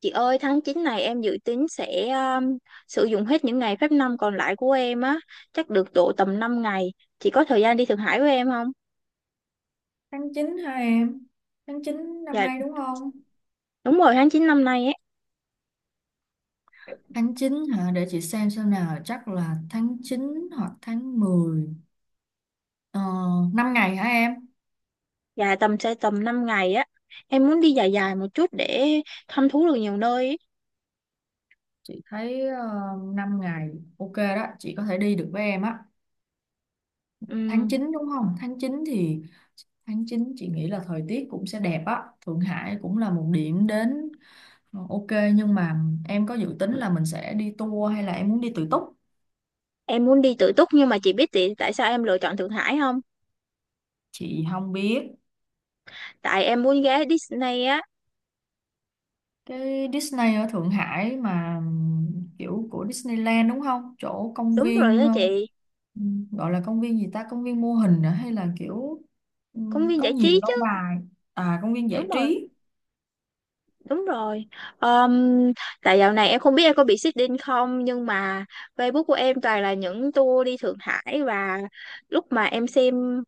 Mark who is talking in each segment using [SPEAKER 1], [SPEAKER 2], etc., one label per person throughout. [SPEAKER 1] Chị ơi, tháng 9 này em dự tính sẽ sử dụng hết những ngày phép năm còn lại của em á, chắc được độ tầm 5 ngày. Chị có thời gian đi Thượng Hải với em không?
[SPEAKER 2] Tháng 9 hả em? Tháng 9 năm
[SPEAKER 1] Dạ,
[SPEAKER 2] nay đúng không?
[SPEAKER 1] đúng rồi, tháng 9 năm nay á.
[SPEAKER 2] Tháng 9 hả? Để chị xem nào. Chắc là tháng 9 hoặc tháng mười. Ờ, 5 ngày hả em?
[SPEAKER 1] Dạ, tầm 5 ngày á. Em muốn đi dài dài một chút để thăm thú được nhiều nơi ấy.
[SPEAKER 2] Chị thấy 5 ngày ok đó. Chị có thể đi được với em á. Tháng
[SPEAKER 1] Ừm,
[SPEAKER 2] 9 đúng không? Tháng 9 thì tháng 9 chị nghĩ là thời tiết cũng sẽ đẹp á. Thượng Hải cũng là một điểm đến ok. Nhưng mà em có dự tính là mình sẽ đi tour hay là em muốn đi tự túc?
[SPEAKER 1] em muốn đi tự túc, nhưng mà chị biết tại tại sao em lựa chọn Thượng Hải không?
[SPEAKER 2] Chị không biết.
[SPEAKER 1] Tại em muốn ghé Disney á.
[SPEAKER 2] Cái Disney ở Thượng Hải mà kiểu của Disneyland đúng không, chỗ công
[SPEAKER 1] Đúng rồi
[SPEAKER 2] viên
[SPEAKER 1] đó chị,
[SPEAKER 2] gọi là công viên gì ta, công viên mô hình à? Hay là kiểu
[SPEAKER 1] công viên
[SPEAKER 2] có
[SPEAKER 1] giải
[SPEAKER 2] nhiều
[SPEAKER 1] trí chứ.
[SPEAKER 2] lâu bài à, công viên
[SPEAKER 1] Đúng
[SPEAKER 2] giải
[SPEAKER 1] rồi.
[SPEAKER 2] trí.
[SPEAKER 1] Đúng rồi. Ờm, Tại dạo này em không biết em có bị xích đinh không, nhưng mà Facebook của em toàn là những tour đi Thượng Hải, và lúc mà em xem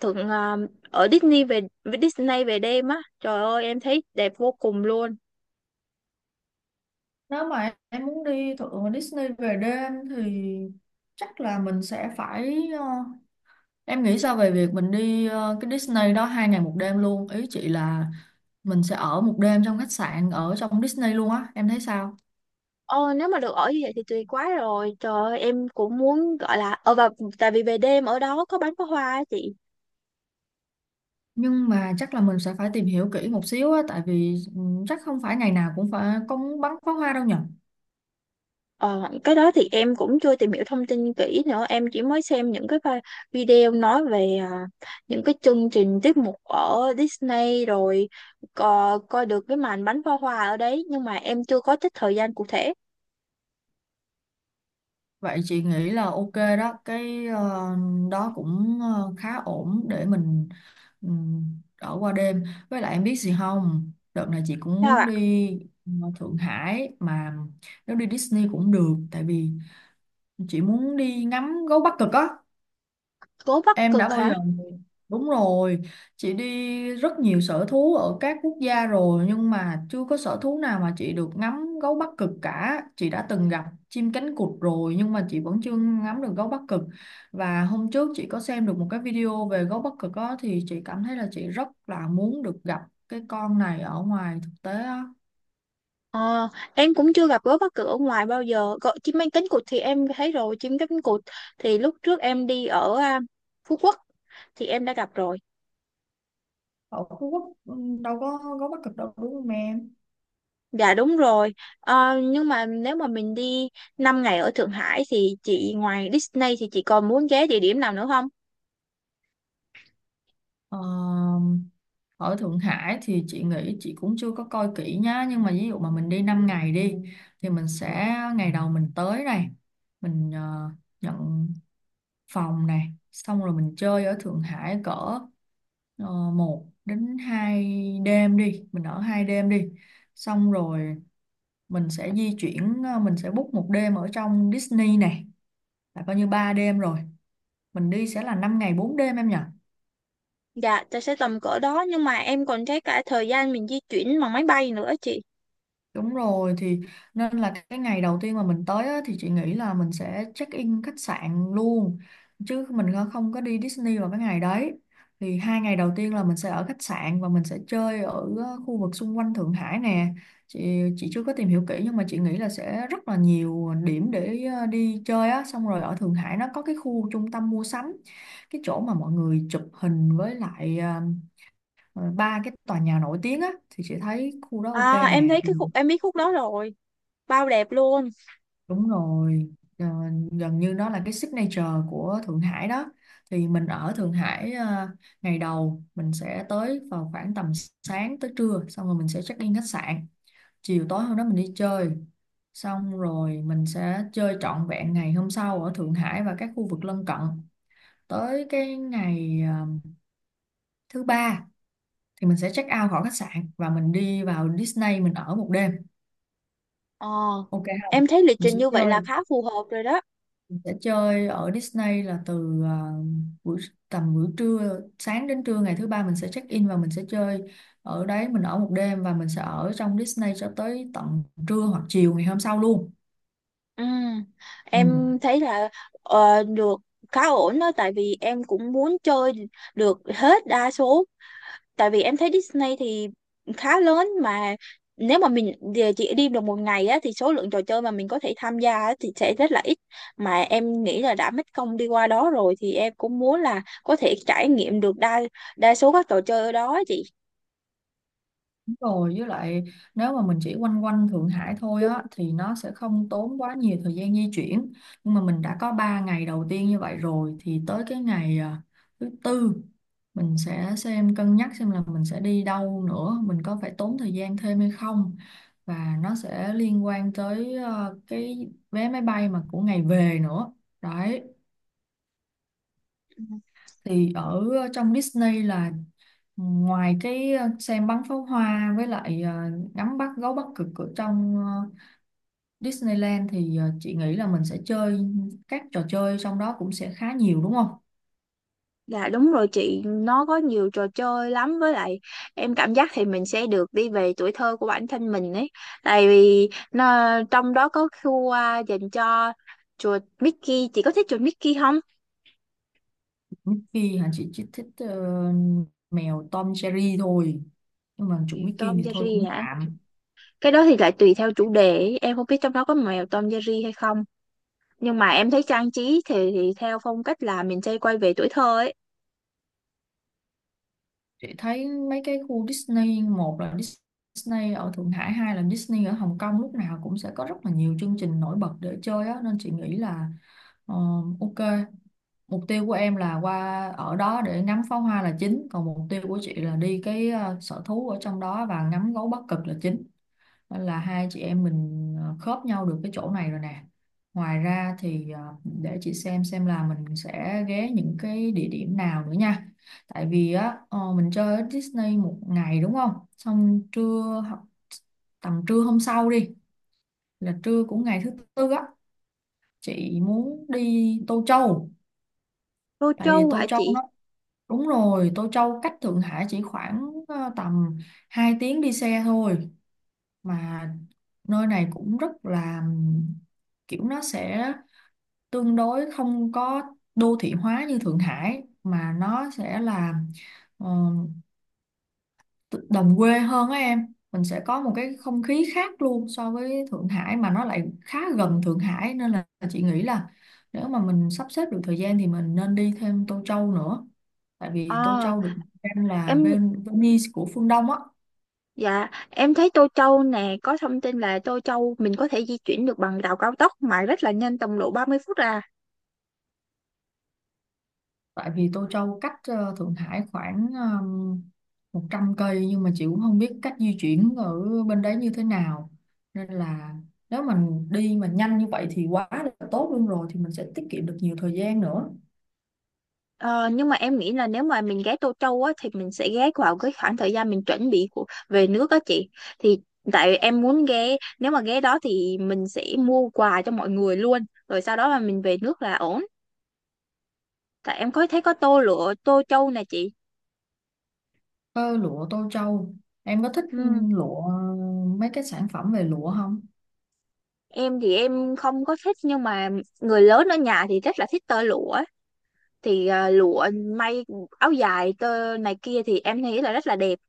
[SPEAKER 1] thượng ở Disney về, Disney về đêm á, trời ơi em thấy đẹp vô cùng luôn.
[SPEAKER 2] Nếu mà em muốn đi thượng Disney về đêm thì chắc là mình sẽ phải em nghĩ sao về việc mình đi cái Disney đó hai ngày một đêm luôn, ý chị là mình sẽ ở một đêm trong khách sạn ở trong Disney luôn á, em thấy sao?
[SPEAKER 1] Ồ, nếu mà được ở như vậy thì tuyệt quá rồi. Trời ơi, em cũng muốn, gọi là và tại vì về đêm ở đó có bắn pháo hoa á chị.
[SPEAKER 2] Nhưng mà chắc là mình sẽ phải tìm hiểu kỹ một xíu á, tại vì chắc không phải ngày nào cũng cũng bắn pháo hoa đâu nhỉ.
[SPEAKER 1] Ờ, cái đó thì em cũng chưa tìm hiểu thông tin kỹ nữa, em chỉ mới xem những cái video nói về những cái chương trình, tiết mục ở Disney, rồi coi được cái màn bắn pháo hoa ở đấy, nhưng mà em chưa có trích thời gian cụ thể.
[SPEAKER 2] Vậy chị nghĩ là ok đó, cái đó cũng khá ổn để mình ừ, ở qua đêm. Với lại em biết gì không, đợt này chị cũng
[SPEAKER 1] Sao
[SPEAKER 2] muốn
[SPEAKER 1] ạ?
[SPEAKER 2] đi Thượng Hải mà, nếu đi Disney cũng được, tại vì chị muốn đi ngắm gấu Bắc Cực á.
[SPEAKER 1] Gấu Bắc
[SPEAKER 2] Em đã
[SPEAKER 1] Cực
[SPEAKER 2] bao
[SPEAKER 1] hả?
[SPEAKER 2] giờ? Đúng rồi, chị đi rất nhiều sở thú ở các quốc gia rồi nhưng mà chưa có sở thú nào mà chị được ngắm gấu Bắc Cực cả. Chị đã từng gặp chim cánh cụt rồi nhưng mà chị vẫn chưa ngắm được gấu Bắc Cực. Và hôm trước chị có xem được một cái video về gấu Bắc Cực đó, thì chị cảm thấy là chị rất là muốn được gặp cái con này ở ngoài thực tế á.
[SPEAKER 1] Ờ, em cũng chưa gặp gấu Bắc Cực ở ngoài bao giờ. Gọi chim cánh cánh cụt thì em thấy rồi, chim cánh cánh cụt thì lúc trước em đi ở Phú Quốc thì em đã gặp rồi.
[SPEAKER 2] Ở Phú Quốc đâu có gấu Bắc Cực đâu đúng không em?
[SPEAKER 1] Dạ đúng rồi. Ờ, nhưng mà nếu mà mình đi 5 ngày ở Thượng Hải thì chị, ngoài Disney thì chị còn muốn ghé địa điểm nào nữa không?
[SPEAKER 2] Ờ, ở Thượng Hải thì chị nghĩ chị cũng chưa có coi kỹ nhá, nhưng mà ví dụ mà mình đi 5 ngày đi thì mình sẽ ngày đầu mình tới này, mình nhận phòng này, xong rồi mình chơi ở Thượng Hải cỡ 1 đến 2 đêm đi, mình ở hai đêm đi, xong rồi mình sẽ di chuyển mình sẽ book một đêm ở trong Disney này, là coi như 3 đêm rồi, mình đi sẽ là 5 ngày 4 đêm em nhỉ.
[SPEAKER 1] Dạ, ta sẽ tầm cỡ đó, nhưng mà em còn thấy cả thời gian mình di chuyển bằng máy bay nữa chị.
[SPEAKER 2] Đúng rồi thì nên là cái ngày đầu tiên mà mình tới á, thì chị nghĩ là mình sẽ check in khách sạn luôn, chứ mình không có đi Disney vào cái ngày đấy. Thì hai ngày đầu tiên là mình sẽ ở khách sạn và mình sẽ chơi ở khu vực xung quanh Thượng Hải nè. Chị chưa có tìm hiểu kỹ nhưng mà chị nghĩ là sẽ rất là nhiều điểm để đi chơi á, xong rồi ở Thượng Hải nó có cái khu trung tâm mua sắm, cái chỗ mà mọi người chụp hình với lại ba cái tòa nhà nổi tiếng á, thì chị thấy khu đó ok
[SPEAKER 1] À, em
[SPEAKER 2] nè.
[SPEAKER 1] thấy
[SPEAKER 2] Thì
[SPEAKER 1] cái khúc, em biết khúc đó rồi, bao đẹp luôn.
[SPEAKER 2] đúng rồi, ờ, gần như nó là cái signature của Thượng Hải đó. Thì mình ở Thượng Hải ngày đầu mình sẽ tới vào khoảng tầm sáng tới trưa, xong rồi mình sẽ check in khách sạn. Chiều tối hôm đó mình đi chơi, xong rồi mình sẽ chơi trọn vẹn ngày hôm sau ở Thượng Hải và các khu vực lân cận. Tới cái ngày thứ ba thì mình sẽ check out khỏi khách sạn và mình đi vào Disney, mình ở một đêm.
[SPEAKER 1] Ờ,
[SPEAKER 2] Ok không?
[SPEAKER 1] em thấy lịch
[SPEAKER 2] Mình
[SPEAKER 1] trình
[SPEAKER 2] sẽ
[SPEAKER 1] như vậy là
[SPEAKER 2] chơi,
[SPEAKER 1] khá phù hợp rồi đó.
[SPEAKER 2] sẽ chơi ở Disney là từ buổi tầm buổi trưa, sáng đến trưa ngày thứ ba mình sẽ check in và mình sẽ chơi ở đấy, mình ở một đêm và mình sẽ ở trong Disney cho tới tận trưa hoặc chiều ngày hôm sau luôn.
[SPEAKER 1] Ừ,
[SPEAKER 2] Ừ.
[SPEAKER 1] em thấy là được, khá ổn đó, tại vì em cũng muốn chơi được hết đa số, tại vì em thấy Disney thì khá lớn mà, nếu mà mình về chỉ đi được một ngày á thì số lượng trò chơi mà mình có thể tham gia á thì sẽ rất là ít, mà em nghĩ là đã mất công đi qua đó rồi thì em cũng muốn là có thể trải nghiệm được đa đa số các trò chơi ở đó á chị.
[SPEAKER 2] Rồi với lại nếu mà mình chỉ quanh quanh Thượng Hải thôi á thì nó sẽ không tốn quá nhiều thời gian di chuyển, nhưng mà mình đã có 3 ngày đầu tiên như vậy rồi thì tới cái ngày thứ tư mình sẽ xem cân nhắc xem là mình sẽ đi đâu nữa, mình có phải tốn thời gian thêm hay không, và nó sẽ liên quan tới cái vé máy bay mà của ngày về nữa đấy. Thì ở trong Disney là ngoài cái xem bắn pháo hoa với lại ngắm bắt gấu Bắc Cực ở trong Disneyland thì chị nghĩ là mình sẽ chơi các trò chơi trong đó cũng sẽ khá nhiều đúng không?
[SPEAKER 1] Dạ đúng rồi chị, nó có nhiều trò chơi lắm, với lại em cảm giác thì mình sẽ được đi về tuổi thơ của bản thân mình ấy. Tại vì nó, trong đó có khu dành cho chuột Mickey, chị có thích chuột Mickey không?
[SPEAKER 2] Mickey hả, chị chỉ thích mèo Tom Jerry thôi, nhưng mà chủ Mickey
[SPEAKER 1] Tom
[SPEAKER 2] thì thôi
[SPEAKER 1] Jerry
[SPEAKER 2] cũng
[SPEAKER 1] hả?
[SPEAKER 2] tạm.
[SPEAKER 1] Cái đó thì lại tùy theo chủ đề, em không biết trong đó có mèo Tom Jerry hay không, nhưng mà em thấy trang trí thì theo phong cách là mình sẽ quay về tuổi thơ ấy.
[SPEAKER 2] Chị thấy mấy cái khu Disney, một là Disney ở Thượng Hải, hai là Disney ở Hồng Kông, lúc nào cũng sẽ có rất là nhiều chương trình nổi bật để chơi á nên chị nghĩ là ờ, ok, mục tiêu của em là qua ở đó để ngắm pháo hoa là chính, còn mục tiêu của chị là đi cái sở thú ở trong đó và ngắm gấu Bắc Cực là chính. Nên là hai chị em mình khớp nhau được cái chỗ này rồi nè. Ngoài ra thì để chị xem là mình sẽ ghé những cái địa điểm nào nữa nha. Tại vì á mình chơi ở Disney một ngày đúng không? Xong trưa hoặc tầm trưa hôm sau đi, là trưa cũng ngày thứ tư á, chị muốn đi Tô Châu.
[SPEAKER 1] Tô
[SPEAKER 2] Tại vì
[SPEAKER 1] Châu
[SPEAKER 2] Tô
[SPEAKER 1] hả
[SPEAKER 2] Châu
[SPEAKER 1] chị?
[SPEAKER 2] nó, đúng rồi, Tô Châu cách Thượng Hải chỉ khoảng tầm 2 tiếng đi xe thôi mà, nơi này cũng rất là kiểu nó sẽ tương đối không có đô thị hóa như Thượng Hải mà nó sẽ là ờ, đồng quê hơn á em, mình sẽ có một cái không khí khác luôn so với Thượng Hải mà nó lại khá gần Thượng Hải, nên là chị nghĩ là nếu mà mình sắp xếp được thời gian thì mình nên đi thêm Tô Châu nữa, tại vì Tô
[SPEAKER 1] ờ
[SPEAKER 2] Châu được xem là
[SPEAKER 1] em
[SPEAKER 2] Venice của phương Đông á.
[SPEAKER 1] dạ, em thấy Tô Châu nè, có thông tin là Tô Châu mình có thể di chuyển được bằng tàu cao tốc mà rất là nhanh, tầm độ 30 phút à.
[SPEAKER 2] Tại vì Tô Châu cách Thượng Hải khoảng um, 100 cây, nhưng mà chị cũng không biết cách di chuyển ở bên đấy như thế nào, nên là nếu mình đi mà nhanh như vậy thì quá là tốt luôn rồi, thì mình sẽ tiết kiệm được nhiều thời gian nữa.
[SPEAKER 1] Ờ, nhưng mà em nghĩ là nếu mà mình ghé Tô Châu á thì mình sẽ ghé vào cái khoảng thời gian mình chuẩn bị của về nước á chị, thì tại em muốn ghé, nếu mà ghé đó thì mình sẽ mua quà cho mọi người luôn, rồi sau đó mà mình về nước là ổn. Tại em có thấy có Tô Lụa Tô Châu nè chị.
[SPEAKER 2] Ơ, lụa Tô Châu, em có thích
[SPEAKER 1] Ừ.
[SPEAKER 2] lụa, mấy cái sản phẩm về lụa không?
[SPEAKER 1] Em thì em không có thích, nhưng mà người lớn ở nhà thì rất là thích tơ lụa á. Thì lụa may áo dài tơ này kia thì em thấy là rất là đẹp.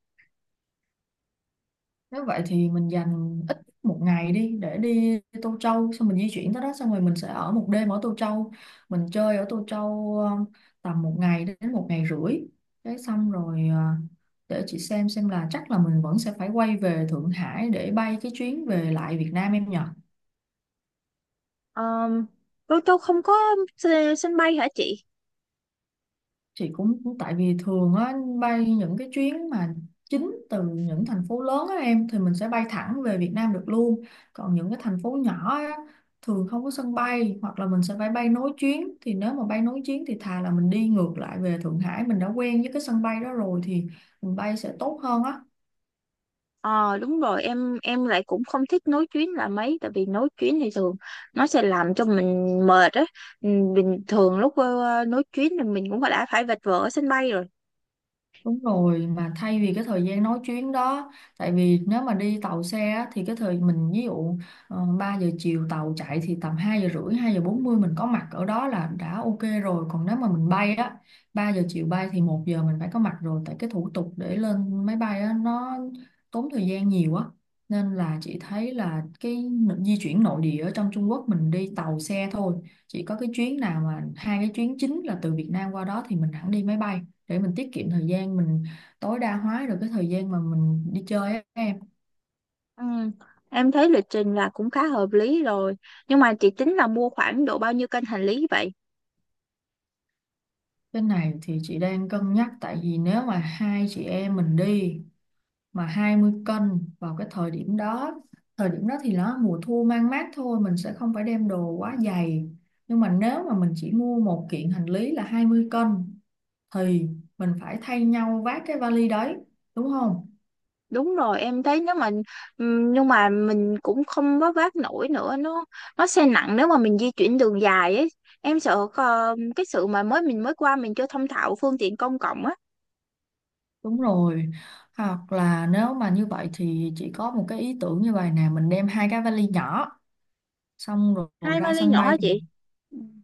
[SPEAKER 2] Nếu vậy thì mình dành ít một ngày đi, để đi Tô Châu, xong mình di chuyển tới đó, xong rồi mình sẽ ở một đêm ở Tô Châu, mình chơi ở Tô Châu tầm một ngày đến một ngày rưỡi. Đấy xong rồi để chị xem là chắc là mình vẫn sẽ phải quay về Thượng Hải để bay cái chuyến về lại Việt Nam em nhỉ.
[SPEAKER 1] Ờ, Tô Châu không có sân bay hả chị?
[SPEAKER 2] Chị cũng tại vì thường á, bay những cái chuyến mà chính từ những thành phố lớn á em, thì mình sẽ bay thẳng về Việt Nam được luôn, còn những cái thành phố nhỏ á thường không có sân bay hoặc là mình sẽ phải bay nối chuyến, thì nếu mà bay nối chuyến thì thà là mình đi ngược lại về Thượng Hải, mình đã quen với cái sân bay đó rồi thì mình bay sẽ tốt hơn á.
[SPEAKER 1] Ờ đúng rồi, em lại cũng không thích nối chuyến là mấy, tại vì nối chuyến thì thường nó sẽ làm cho mình mệt á. Ừ, bình thường lúc nối chuyến thì mình cũng đã phải vật vờ ở sân bay rồi.
[SPEAKER 2] Đúng rồi, mà thay vì cái thời gian nói chuyến đó, tại vì nếu mà đi tàu xe á, thì cái thời mình ví dụ 3 giờ chiều tàu chạy thì tầm 2 giờ rưỡi, 2 giờ 40 mình có mặt ở đó là đã ok rồi. Còn nếu mà mình bay á, 3 giờ chiều bay thì 1 giờ mình phải có mặt rồi, tại cái thủ tục để lên máy bay á, nó tốn thời gian nhiều á. Nên là chị thấy là cái di chuyển nội địa ở trong Trung Quốc mình đi tàu xe thôi. Chỉ có cái chuyến nào mà hai cái chuyến chính là từ Việt Nam qua đó thì mình hẳn đi máy bay để mình tiết kiệm thời gian mình tối đa hóa được cái thời gian mà mình đi chơi á em.
[SPEAKER 1] Ừ. Em thấy lịch trình là cũng khá hợp lý rồi, nhưng mà chị tính là mua khoảng độ bao nhiêu cân hành lý vậy?
[SPEAKER 2] Cái này thì chị đang cân nhắc, tại vì nếu mà hai chị em mình đi mà 20 cân vào cái thời điểm đó, thời điểm đó thì nó mùa thu mang mát thôi, mình sẽ không phải đem đồ quá dày. Nhưng mà nếu mà mình chỉ mua một kiện hành lý là 20 cân thì mình phải thay nhau vác cái vali đấy, đúng không?
[SPEAKER 1] Đúng rồi, em thấy nếu mà nhưng mà mình cũng không vác vác nổi nữa, nó sẽ nặng nếu mà mình di chuyển đường dài ấy. Em sợ cái sự mà mình mới qua mình chưa thông thạo phương tiện công cộng á.
[SPEAKER 2] Đúng rồi, hoặc là nếu mà như vậy thì chị có một cái ý tưởng như vậy nè, mình đem hai cái vali nhỏ, xong rồi
[SPEAKER 1] Hai
[SPEAKER 2] ra
[SPEAKER 1] vali
[SPEAKER 2] sân
[SPEAKER 1] nhỏ
[SPEAKER 2] bay
[SPEAKER 1] hả
[SPEAKER 2] thì
[SPEAKER 1] chị?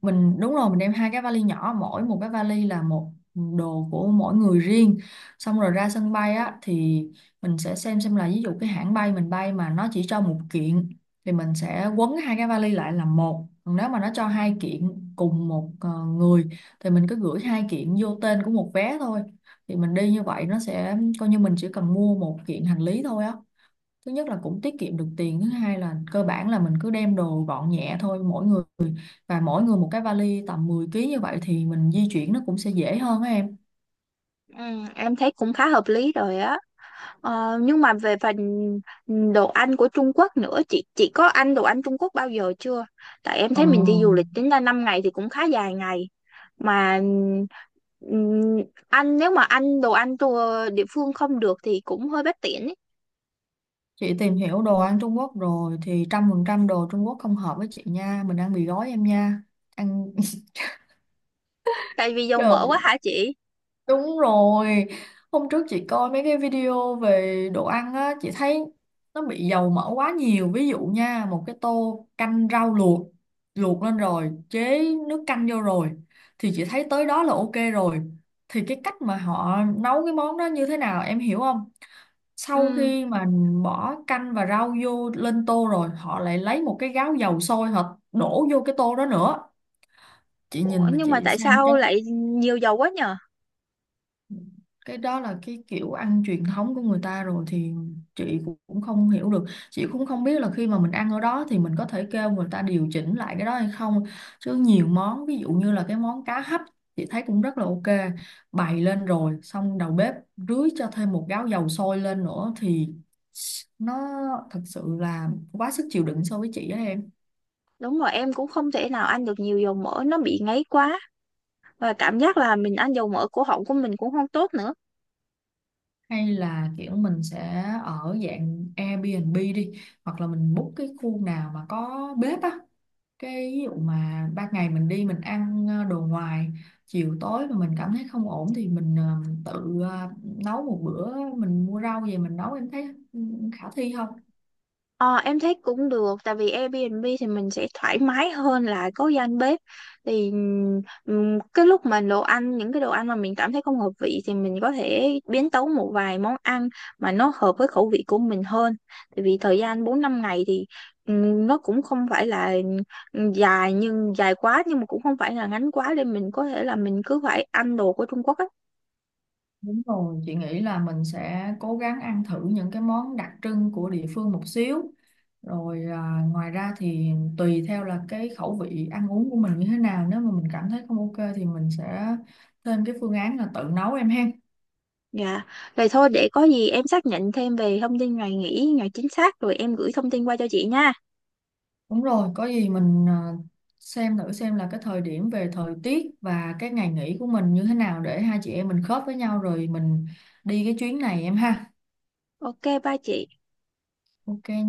[SPEAKER 2] mình, đúng rồi, mình đem hai cái vali nhỏ, mỗi một cái vali là một, đồ của mỗi người riêng. Xong rồi ra sân bay á thì mình sẽ xem là ví dụ cái hãng bay mình bay mà nó chỉ cho một kiện thì mình sẽ quấn hai cái vali lại làm một, còn nếu mà nó cho hai kiện cùng một người thì mình cứ gửi hai kiện vô tên của một vé thôi, thì mình đi như vậy nó sẽ coi như mình chỉ cần mua một kiện hành lý thôi á. Thứ nhất là cũng tiết kiệm được tiền, thứ hai là cơ bản là mình cứ đem đồ gọn nhẹ thôi, mỗi người và mỗi người một cái vali tầm 10 ký, như vậy thì mình di chuyển nó cũng sẽ dễ hơn á em.
[SPEAKER 1] Ừ, em thấy cũng khá hợp lý rồi á. Ờ, nhưng mà về phần đồ ăn của Trung Quốc nữa, chị có ăn đồ ăn Trung Quốc bao giờ chưa? Tại em
[SPEAKER 2] ờ,
[SPEAKER 1] thấy mình đi du lịch tính ra 5 ngày thì cũng khá dài ngày mà ừm, ăn, nếu mà ăn đồ ăn tour địa phương không được thì cũng hơi bất tiện ấy.
[SPEAKER 2] chị tìm hiểu đồ ăn Trung Quốc rồi thì 100% đồ Trung Quốc không hợp với chị nha, mình ăn mì gói em nha, ăn
[SPEAKER 1] Tại vì dầu mỡ quá
[SPEAKER 2] trời.
[SPEAKER 1] hả chị?
[SPEAKER 2] Đúng rồi, hôm trước chị coi mấy cái video về đồ ăn á, chị thấy nó bị dầu mỡ quá nhiều. Ví dụ nha, một cái tô canh rau luộc, luộc lên rồi, chế nước canh vô rồi, thì chị thấy tới đó là ok rồi. Thì cái cách mà họ nấu cái món đó như thế nào em hiểu không? Sau
[SPEAKER 1] Ừ.
[SPEAKER 2] khi mà bỏ canh và rau vô lên tô rồi, họ lại lấy một cái gáo dầu sôi họ đổ vô cái tô đó nữa. Chị
[SPEAKER 1] Ủa,
[SPEAKER 2] nhìn mà
[SPEAKER 1] nhưng mà
[SPEAKER 2] chị
[SPEAKER 1] tại
[SPEAKER 2] sang
[SPEAKER 1] sao
[SPEAKER 2] chấn.
[SPEAKER 1] lại nhiều dầu quá nhờ?
[SPEAKER 2] Cái đó là cái kiểu ăn truyền thống của người ta rồi thì chị cũng cũng không hiểu được, chị cũng không biết là khi mà mình ăn ở đó thì mình có thể kêu người ta điều chỉnh lại cái đó hay không, chứ nhiều món ví dụ như là cái món cá hấp chị thấy cũng rất là ok, bày lên rồi xong đầu bếp rưới cho thêm một gáo dầu sôi lên nữa thì nó thật sự là quá sức chịu đựng so với chị á em.
[SPEAKER 1] Đúng rồi, em cũng không thể nào ăn được nhiều dầu mỡ, nó bị ngấy quá, và cảm giác là mình ăn dầu mỡ cổ họng của mình cũng không tốt nữa.
[SPEAKER 2] Hay là kiểu mình sẽ ở dạng Airbnb đi, hoặc là mình book cái khu nào mà có bếp á, cái ví dụ mà ban ngày mình đi mình ăn đồ ngoài, chiều tối mà mình cảm thấy không ổn thì mình tự nấu một bữa, mình mua rau về mình nấu, em thấy ừ, khả thi không?
[SPEAKER 1] Ờ, em thấy cũng được, tại vì Airbnb thì mình sẽ thoải mái hơn là có gian bếp, thì cái lúc mà đồ ăn, những cái đồ ăn mà mình cảm thấy không hợp vị thì mình có thể biến tấu một vài món ăn mà nó hợp với khẩu vị của mình hơn, tại vì thời gian 4 5 ngày thì nó cũng không phải là dài quá, nhưng mà cũng không phải là ngắn quá, nên mình có thể là mình cứ phải ăn đồ của Trung Quốc á.
[SPEAKER 2] Đúng rồi, chị nghĩ là mình sẽ cố gắng ăn thử những cái món đặc trưng của địa phương một xíu. Rồi à, ngoài ra thì tùy theo là cái khẩu vị ăn uống của mình như thế nào, nếu mà mình cảm thấy không ok thì mình sẽ thêm cái phương án là tự nấu em ha.
[SPEAKER 1] Dạ, rồi thôi, để có gì em xác nhận thêm về thông tin ngày nghỉ, ngày chính xác rồi em gửi thông tin qua cho chị nha.
[SPEAKER 2] Đúng rồi, có gì mình à, xem thử xem là cái thời điểm về thời tiết và cái ngày nghỉ của mình như thế nào để hai chị em mình khớp với nhau rồi mình đi cái chuyến này em ha.
[SPEAKER 1] Ok, bye chị.
[SPEAKER 2] Ok nha.